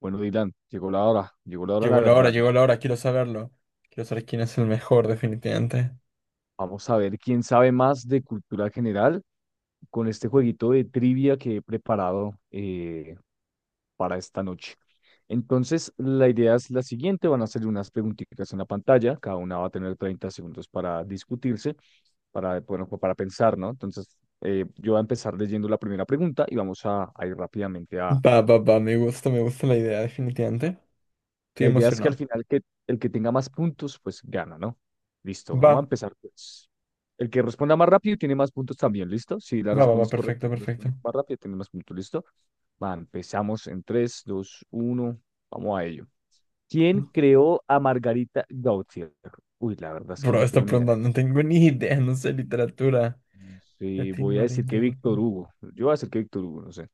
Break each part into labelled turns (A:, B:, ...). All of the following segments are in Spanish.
A: Bueno, Dylan, llegó la hora de la verdad.
B: Llegó la
A: Vamos,
B: hora, quiero saberlo. Quiero saber quién es el mejor, definitivamente.
A: vamos a ver quién sabe más de cultura general con este jueguito de trivia que he preparado para esta noche. Entonces, la idea es la siguiente, van a hacer unas preguntitas en la pantalla, cada una va a tener 30 segundos para discutirse, para, bueno, pues para pensar, ¿no? Entonces, yo voy a empezar leyendo la primera pregunta y vamos a ir rápidamente a.
B: Va, va, va, me gusta la idea, definitivamente. Estoy
A: La idea es que al
B: emocionado.
A: final que el que tenga más puntos, pues gana, ¿no? Listo,
B: Va,
A: vamos a empezar pues. El que responda más rápido tiene más puntos también, ¿listo? Si la
B: va, va, va,
A: respondes correcta,
B: perfecto,
A: si
B: perfecto.
A: respondes más rápido, tiene más puntos, ¿listo? Va, empezamos en 3 2 1, vamos a ello. ¿Quién creó a Margarita Gautier? Uy, la verdad es que
B: Bro,
A: no tengo
B: esta
A: ni idea.
B: pregunta no tengo ni idea, no sé literatura.
A: No sé,
B: Latín,
A: voy a decir
B: Marín, de
A: que Víctor
B: Doping.
A: Hugo. Yo voy a decir que Víctor Hugo, no sé.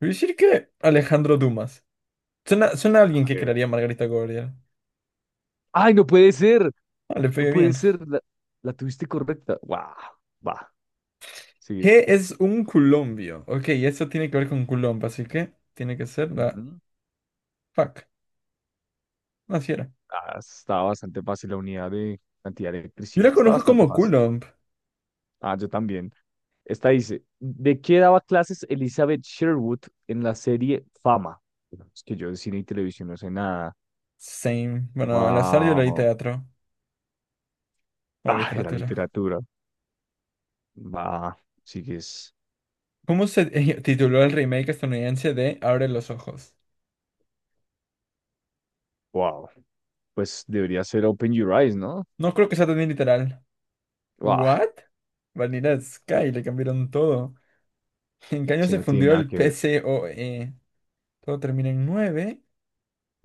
B: Voy a decir que Alejandro Dumas. Suena, suena a
A: A
B: alguien que
A: ver.
B: crearía Margarita Gabriel.
A: ¡Ay, no puede ser!
B: Ah, le
A: No
B: pegué
A: puede
B: bien.
A: ser. La tuviste correcta. ¡Wow! Va. Sí,
B: ¿Qué es un colombio? Ok, eso tiene que ver con Coulomb, así que tiene que ser la...
A: ujú.
B: Fuck, así era.
A: Ah, está bastante fácil la unidad de cantidad de
B: Yo
A: electricidad.
B: la
A: Está
B: conozco
A: bastante
B: como
A: fácil.
B: Coulomb.
A: Ah, yo también. Esta dice, ¿de qué daba clases Elizabeth Sherwood en la serie Fama? Bueno, es que yo de cine y televisión no sé nada.
B: Same. Bueno, al azar yo leí
A: Wow.
B: teatro o
A: Ah, era
B: literatura.
A: literatura. Va, sigues.
B: ¿Cómo se tituló el remake estadounidense de Abre los ojos?
A: Wow. Pues debería ser Open Your Eyes, ¿no?
B: No creo que sea tan literal.
A: Wow.
B: ¿What? Vanilla Sky, le cambiaron todo. ¿En qué año
A: Si
B: se
A: no tiene
B: fundió
A: nada
B: el
A: que ver.
B: PCOE? Todo termina en 9.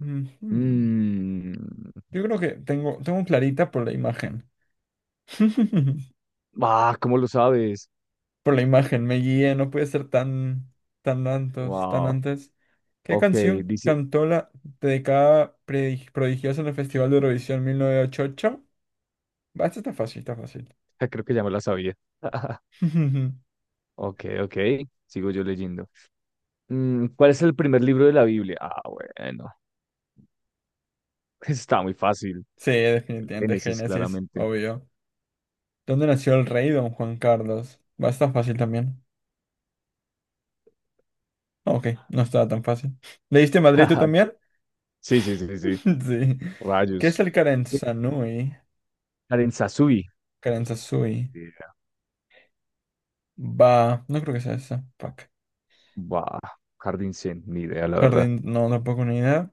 B: Ujú.
A: Mmm.
B: Yo creo que tengo clarita por la imagen.
A: Ah, ¿cómo lo sabes?
B: Por la imagen, me guié, no puede ser tan, tan antes, tan
A: Wow.
B: antes. ¿Qué
A: Ok,
B: canción
A: dice,
B: cantó la dedicada prodigiosa en el Festival de Eurovisión 1988? Va, esta está fácil, está fácil.
A: creo que ya me la sabía. Ok, ok. Sigo yo leyendo. ¿Cuál es el primer libro de la Biblia? Ah, bueno. Está muy fácil.
B: Sí,
A: El
B: definitivamente,
A: Génesis,
B: Génesis,
A: claramente.
B: obvio. ¿Dónde nació el rey Don Juan Carlos? Va, está fácil también. Ah, ok, no estaba tan fácil. ¿Leíste Madrid tú también?
A: Sí, sí, sí, sí.
B: Sí. ¿Qué es
A: Rayos.
B: el Karen
A: Karen Sasui.
B: Karansasui? Va. No creo que sea esa. Fuck.
A: Buah, Jardín Zen, ni idea, la verdad.
B: Jardín. No, tampoco ni idea.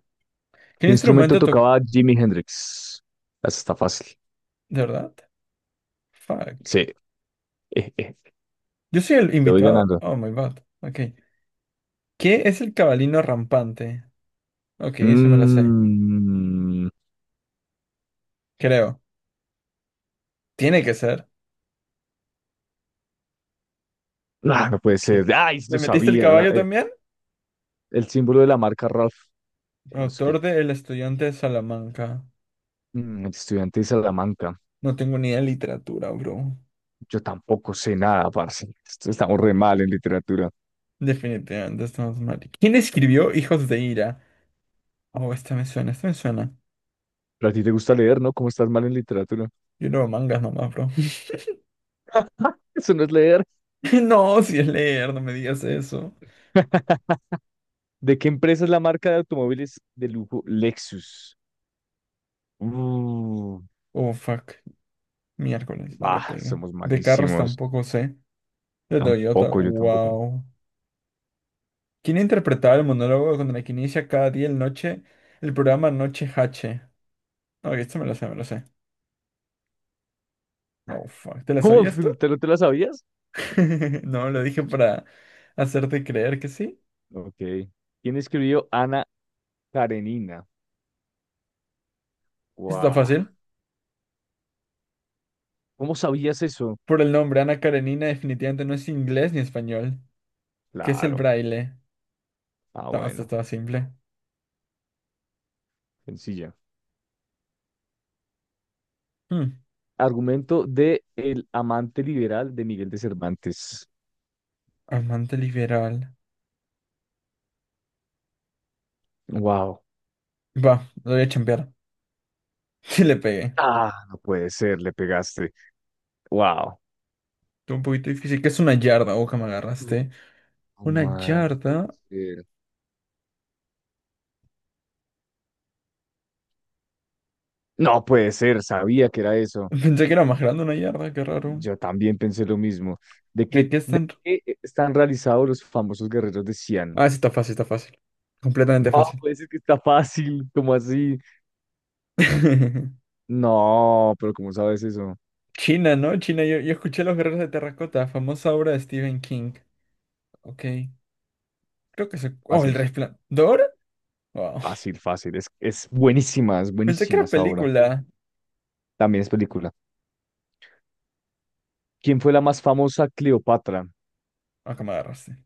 B: ¿Qué
A: ¿Qué instrumento
B: instrumento toca?
A: tocaba Jimi Hendrix? Esa está fácil.
B: ¿De verdad? Fuck.
A: Sí. Eh, eh,
B: Yo soy el
A: te voy
B: invitado.
A: ganando.
B: Oh my god. Ok. ¿Qué es el cabalino rampante? Ok, eso me la sé.
A: Mm,
B: Creo. Tiene que ser.
A: ah, no puede
B: Ok.
A: ser. Ay,
B: ¿Le
A: lo
B: metiste el
A: sabía.
B: caballo también?
A: El símbolo de la marca Ralph. No sé qué.
B: Autor de El estudiante de Salamanca.
A: Mm, el estudiante de Salamanca.
B: No tengo ni idea de literatura, bro.
A: Yo tampoco sé nada, parce. Estamos re mal en literatura.
B: Definitivamente estamos mal. ¿Quién escribió Hijos de Ira? Oh, esta me suena, esta me suena.
A: Pero a ti te gusta leer, ¿no? ¿Cómo estás mal en literatura?
B: Yo leo mangas nomás, bro.
A: Eso no es leer.
B: No, si es leer, no me digas eso.
A: ¿De qué empresa es la marca de automóviles de lujo Lexus? Uh,
B: Oh, fuck. Miércoles, no le
A: bah,
B: pegué.
A: somos
B: De carros
A: malísimos.
B: tampoco sé. De Toyota,
A: Tampoco, yo tampoco.
B: wow. ¿Quién interpretaba el monólogo con el que inicia cada día el programa Noche H? No, esto me lo sé, me lo sé. Oh, fuck. ¿Te la
A: ¿Cómo?
B: sabías tú?
A: ¿Te lo sabías?
B: No, lo dije para hacerte creer que sí.
A: Ok. ¿Quién escribió Ana Karenina?
B: Esto está
A: Guau.
B: fácil.
A: ¿Cómo sabías eso?
B: Por el nombre, Ana Karenina definitivamente no es inglés ni español. ¿Qué es el
A: Claro.
B: braille?
A: Ah,
B: No, esto
A: bueno.
B: estaba simple.
A: Sencilla.
B: Hmm.
A: Argumento de El amante liberal de Miguel de Cervantes.
B: Amante liberal.
A: Wow.
B: Va, lo voy a chambear. Sí le pegué.
A: Ah, no puede ser, le pegaste. Wow.
B: Fue un poquito difícil. ¿Qué es una yarda? Ojo, me agarraste.
A: No,
B: Una
A: man, no puede
B: yarda.
A: ser. No puede ser, sabía que era eso.
B: Pensé que era más grande una yarda, qué raro.
A: Yo también pensé lo mismo.
B: ¿De qué
A: ¿De
B: están?
A: qué están realizados los famosos guerreros de Xi'an?
B: Ah, sí está fácil, está fácil. Completamente
A: No,
B: fácil.
A: ¿puede ser que está fácil, como así? No, pero ¿cómo sabes eso?
B: China, ¿no? China, yo escuché Los Guerreros de Terracota, famosa obra de Stephen King. Ok. Creo que se. Oh, El
A: Fácil,
B: Resplandor. Wow.
A: fácil, fácil. Es
B: Pensé que
A: buenísima
B: era
A: esa obra.
B: película.
A: También es película. ¿Quién fue la más famosa Cleopatra?
B: Acá me agarraste.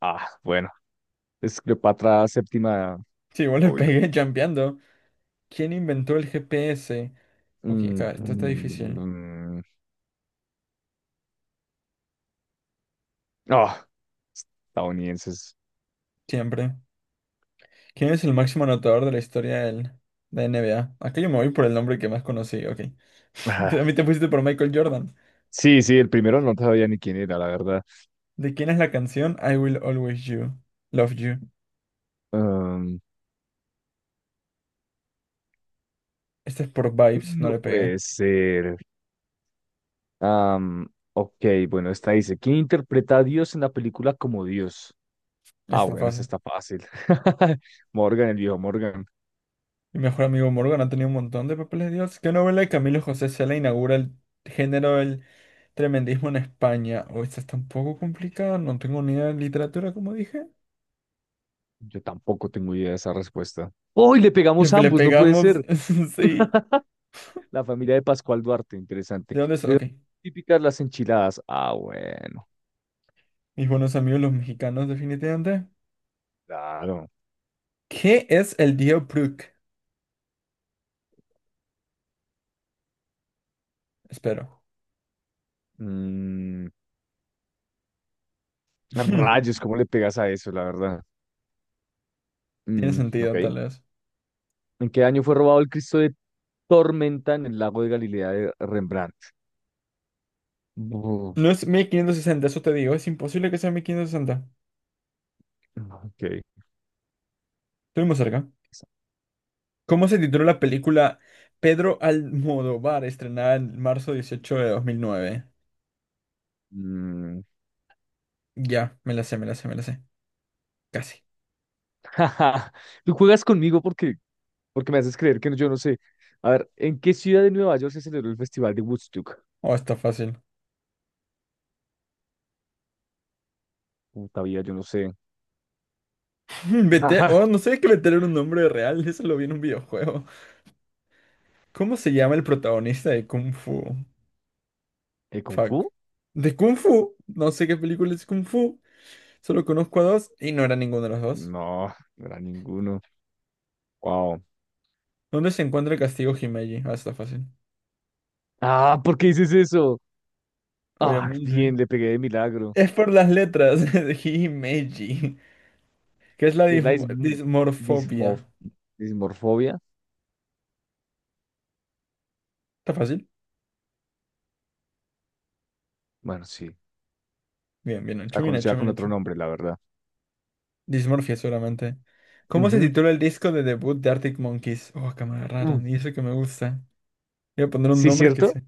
A: Ah, bueno, es Cleopatra VII,
B: Sí, igual le
A: obvio.
B: pegué champeando. ¿Quién inventó el GPS? Ok,
A: Mm,
B: acá, esto está difícil.
A: mm, ah, estadounidenses.
B: Siempre. ¿Quién es el máximo anotador de la historia del, de NBA? Aquí yo me voy por el nombre que más conocí, ok. A
A: Ah,
B: mí te pusiste por Michael Jordan.
A: sí, sí, el primero no sabía ni quién era, la verdad.
B: ¿De quién es la canción I Will Always You, Love You?
A: Um,
B: Esta es por Vibes, no
A: no
B: le pegué.
A: puede ser. Am, ok, bueno, esta dice, ¿quién interpreta a Dios en la película como Dios? Ah,
B: Está
A: bueno, esa
B: fácil.
A: está fácil. Morgan, el viejo Morgan.
B: Mi mejor amigo Morgan ha tenido un montón de papeles de Dios. ¿Qué novela de Camilo José Cela inaugura el género del tremendismo en España? Oh, esta está un poco complicada, no tengo ni idea de literatura, como dije.
A: Yo tampoco tengo idea de esa respuesta. ¡Oh, y le
B: Le,
A: pegamos
B: le
A: ambos! No puede
B: pegamos,
A: ser.
B: sí.
A: La familia de Pascual Duarte, interesante.
B: ¿De dónde es?
A: ¿De dónde
B: Ok.
A: son típicas las enchiladas? Ah, bueno,
B: Mis buenos amigos los mexicanos, definitivamente.
A: claro.
B: ¿Qué es el Diobruch? Espero.
A: Mm, rayos, ¿cómo le pegas a eso, la verdad?
B: Tiene
A: Mm, ok.
B: sentido, tal vez.
A: ¿En qué año fue robado el Cristo de Tormenta en el lago de Galilea de Rembrandt? Bu-
B: No es 1560, eso te digo. Es imposible que sea 1560.
A: ok.
B: Estuvimos cerca. ¿Cómo se tituló la película Pedro Almodóvar, estrenada en marzo 18 de 2009?
A: Mm,
B: Ya, me la sé, me la sé, me la sé. Casi.
A: tú juegas conmigo porque me haces creer que yo no sé. A ver, ¿en qué ciudad de Nueva York se celebró el Festival de Woodstock?
B: Oh, está fácil.
A: Puta vida, yo no sé.
B: Vete,
A: Ajá.
B: oh, no sé que meter un nombre real. Eso lo vi en un videojuego. ¿Cómo se llama el protagonista de Kung Fu?
A: ¿Eh, Kung
B: Fuck.
A: Fu?
B: ¿De Kung Fu? No sé qué película es Kung Fu. Solo conozco a dos y no era ninguno de los dos.
A: No, no era ninguno. Wow.
B: ¿Dónde se encuentra el castigo Himeji? Ah, está fácil.
A: Ah, ¿por qué dices eso? Ah, bien,
B: Obviamente.
A: le pegué de milagro.
B: Es por las letras de Himeji, que es la
A: ¿Qué es la dism- dismo-
B: dismorfobia.
A: ¿dismorfobia?
B: ¿Está fácil?
A: Bueno, sí.
B: Bien, bien
A: La
B: hecho, bien
A: conocía
B: hecho,
A: con
B: bien
A: otro
B: hecho.
A: nombre, la verdad.
B: Dismorfia, seguramente. ¿Cómo se
A: Ujú.
B: titula el disco de debut de Arctic Monkeys? Oh, que me
A: Uh,
B: agarraron, y eso que me gusta. Voy a poner un
A: ¿Sí,
B: nombre que
A: cierto?
B: sé.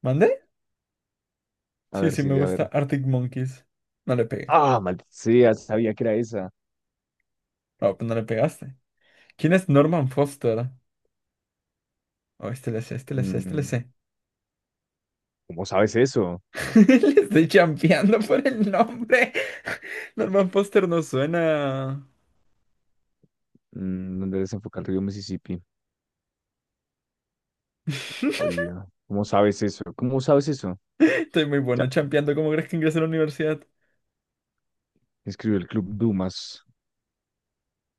B: ¿Mandé?
A: A
B: Sí,
A: ver,
B: sí, me
A: sí, a
B: gusta
A: ver.
B: Arctic Monkeys. No le pegué.
A: Ah, maldita sea, sabía que era esa.
B: Oh, pues no le pegaste. ¿Quién es Norman Foster? Oh, este le sé, este le sé, este le
A: Mm,
B: sé.
A: ¿cómo sabes eso?
B: Le estoy champeando por el nombre. Norman Foster no suena.
A: Mm, ¿dónde desemboca el río Mississippi? Oído. ¿Cómo sabes eso? ¿Cómo sabes eso?
B: Estoy muy bueno
A: Ya,
B: champeando. ¿Cómo crees que ingresé a la universidad?
A: escribió el Club Dumas.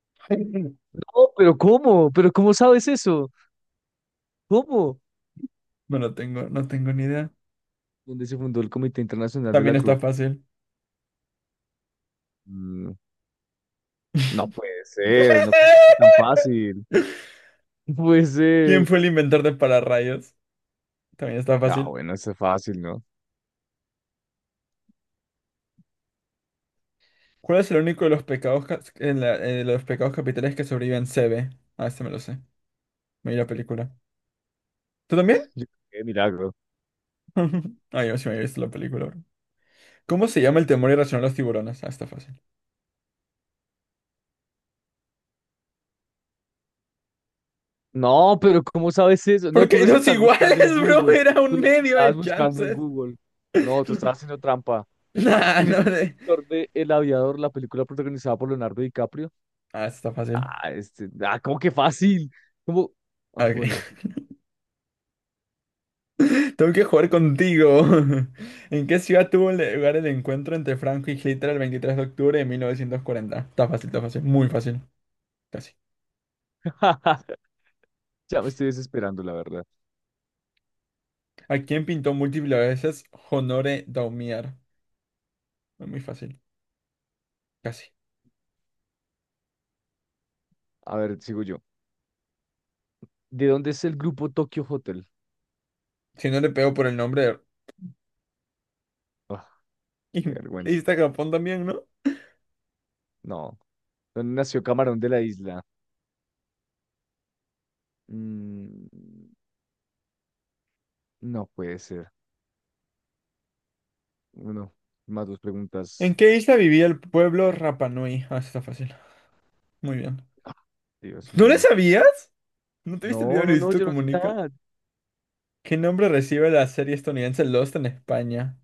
A: No, pero ¿cómo? ¿Pero cómo sabes eso? ¿Cómo?
B: No lo tengo, no tengo ni idea.
A: Donde se fundó el Comité Internacional de la
B: También está
A: Cruz.
B: fácil.
A: Mm, no puede ser, no creo que sea tan fácil. No puede
B: ¿Quién
A: ser.
B: fue el inventor de pararrayos? También está
A: Ah,
B: fácil.
A: bueno, eso es fácil, ¿no?
B: ¿Cuál es el único de los pecados, los pecados capitales que sobreviven C B? Ah, este me lo sé. Me vi la película. ¿Tú también?
A: Yo- qué milagro.
B: Ah, yo sí me había visto la película. Bro. ¿Cómo se llama el temor irracional a los tiburones? Ah, está fácil.
A: No, pero ¿cómo sabes eso? No,
B: Porque
A: tú
B: hay
A: los
B: dos
A: estás buscando en
B: iguales, bro.
A: Google.
B: Era
A: Tú
B: un
A: las
B: medio
A: estabas
B: de
A: buscando en
B: chances.
A: Google. No, tú estás
B: No.
A: haciendo trampa.
B: Nah,
A: ¿Quién es
B: no
A: el
B: de.
A: director de El Aviador, la película protagonizada por Leonardo DiCaprio?
B: Ah, está fácil.
A: Ah, ¿cómo que fácil? ¿Cómo? Ah, bueno,
B: Ok.
A: sí.
B: Tengo que jugar contigo. ¿En qué ciudad tuvo lugar el encuentro entre Franco y Hitler el 23 de octubre de 1940? Está fácil, está fácil. Muy fácil. Casi.
A: Ya me estoy desesperando, la verdad.
B: ¿A quién pintó múltiples veces Honoré Daumier? Muy fácil. Casi.
A: A ver, sigo yo. ¿De dónde es el grupo Tokyo Hotel?
B: Si no le pego por el nombre
A: Ah, qué
B: de...
A: vergüenza.
B: Isla Japón también, ¿no?
A: No. ¿Dónde nació Camarón de la Isla? Mm, no puede ser. Uno, más dos
B: ¿En
A: preguntas.
B: qué isla vivía el pueblo Rapanui? Ah, eso está fácil. Muy bien.
A: Ah, Dios
B: ¿No le
A: mío.
B: sabías? ¿No te viste el video
A: No,
B: de
A: no, no,
B: Luisito
A: yo no sé
B: Comunica?
A: nada.
B: ¿Qué nombre recibe la serie estadounidense Lost en España?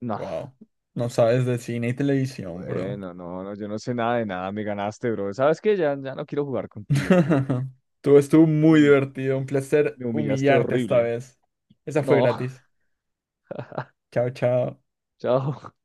A: No,
B: Wow. No sabes de cine y televisión, bro.
A: bueno, no, no, yo no sé nada de nada. Me ganaste, bro. ¿Sabes qué? Ya, ya no quiero jugar contigo.
B: Tú estuvo muy
A: Me
B: divertido. Un placer
A: me humillaste
B: humillarte esta
A: horrible.
B: vez. Esa fue
A: No,
B: gratis. Chao, chao.
A: chao.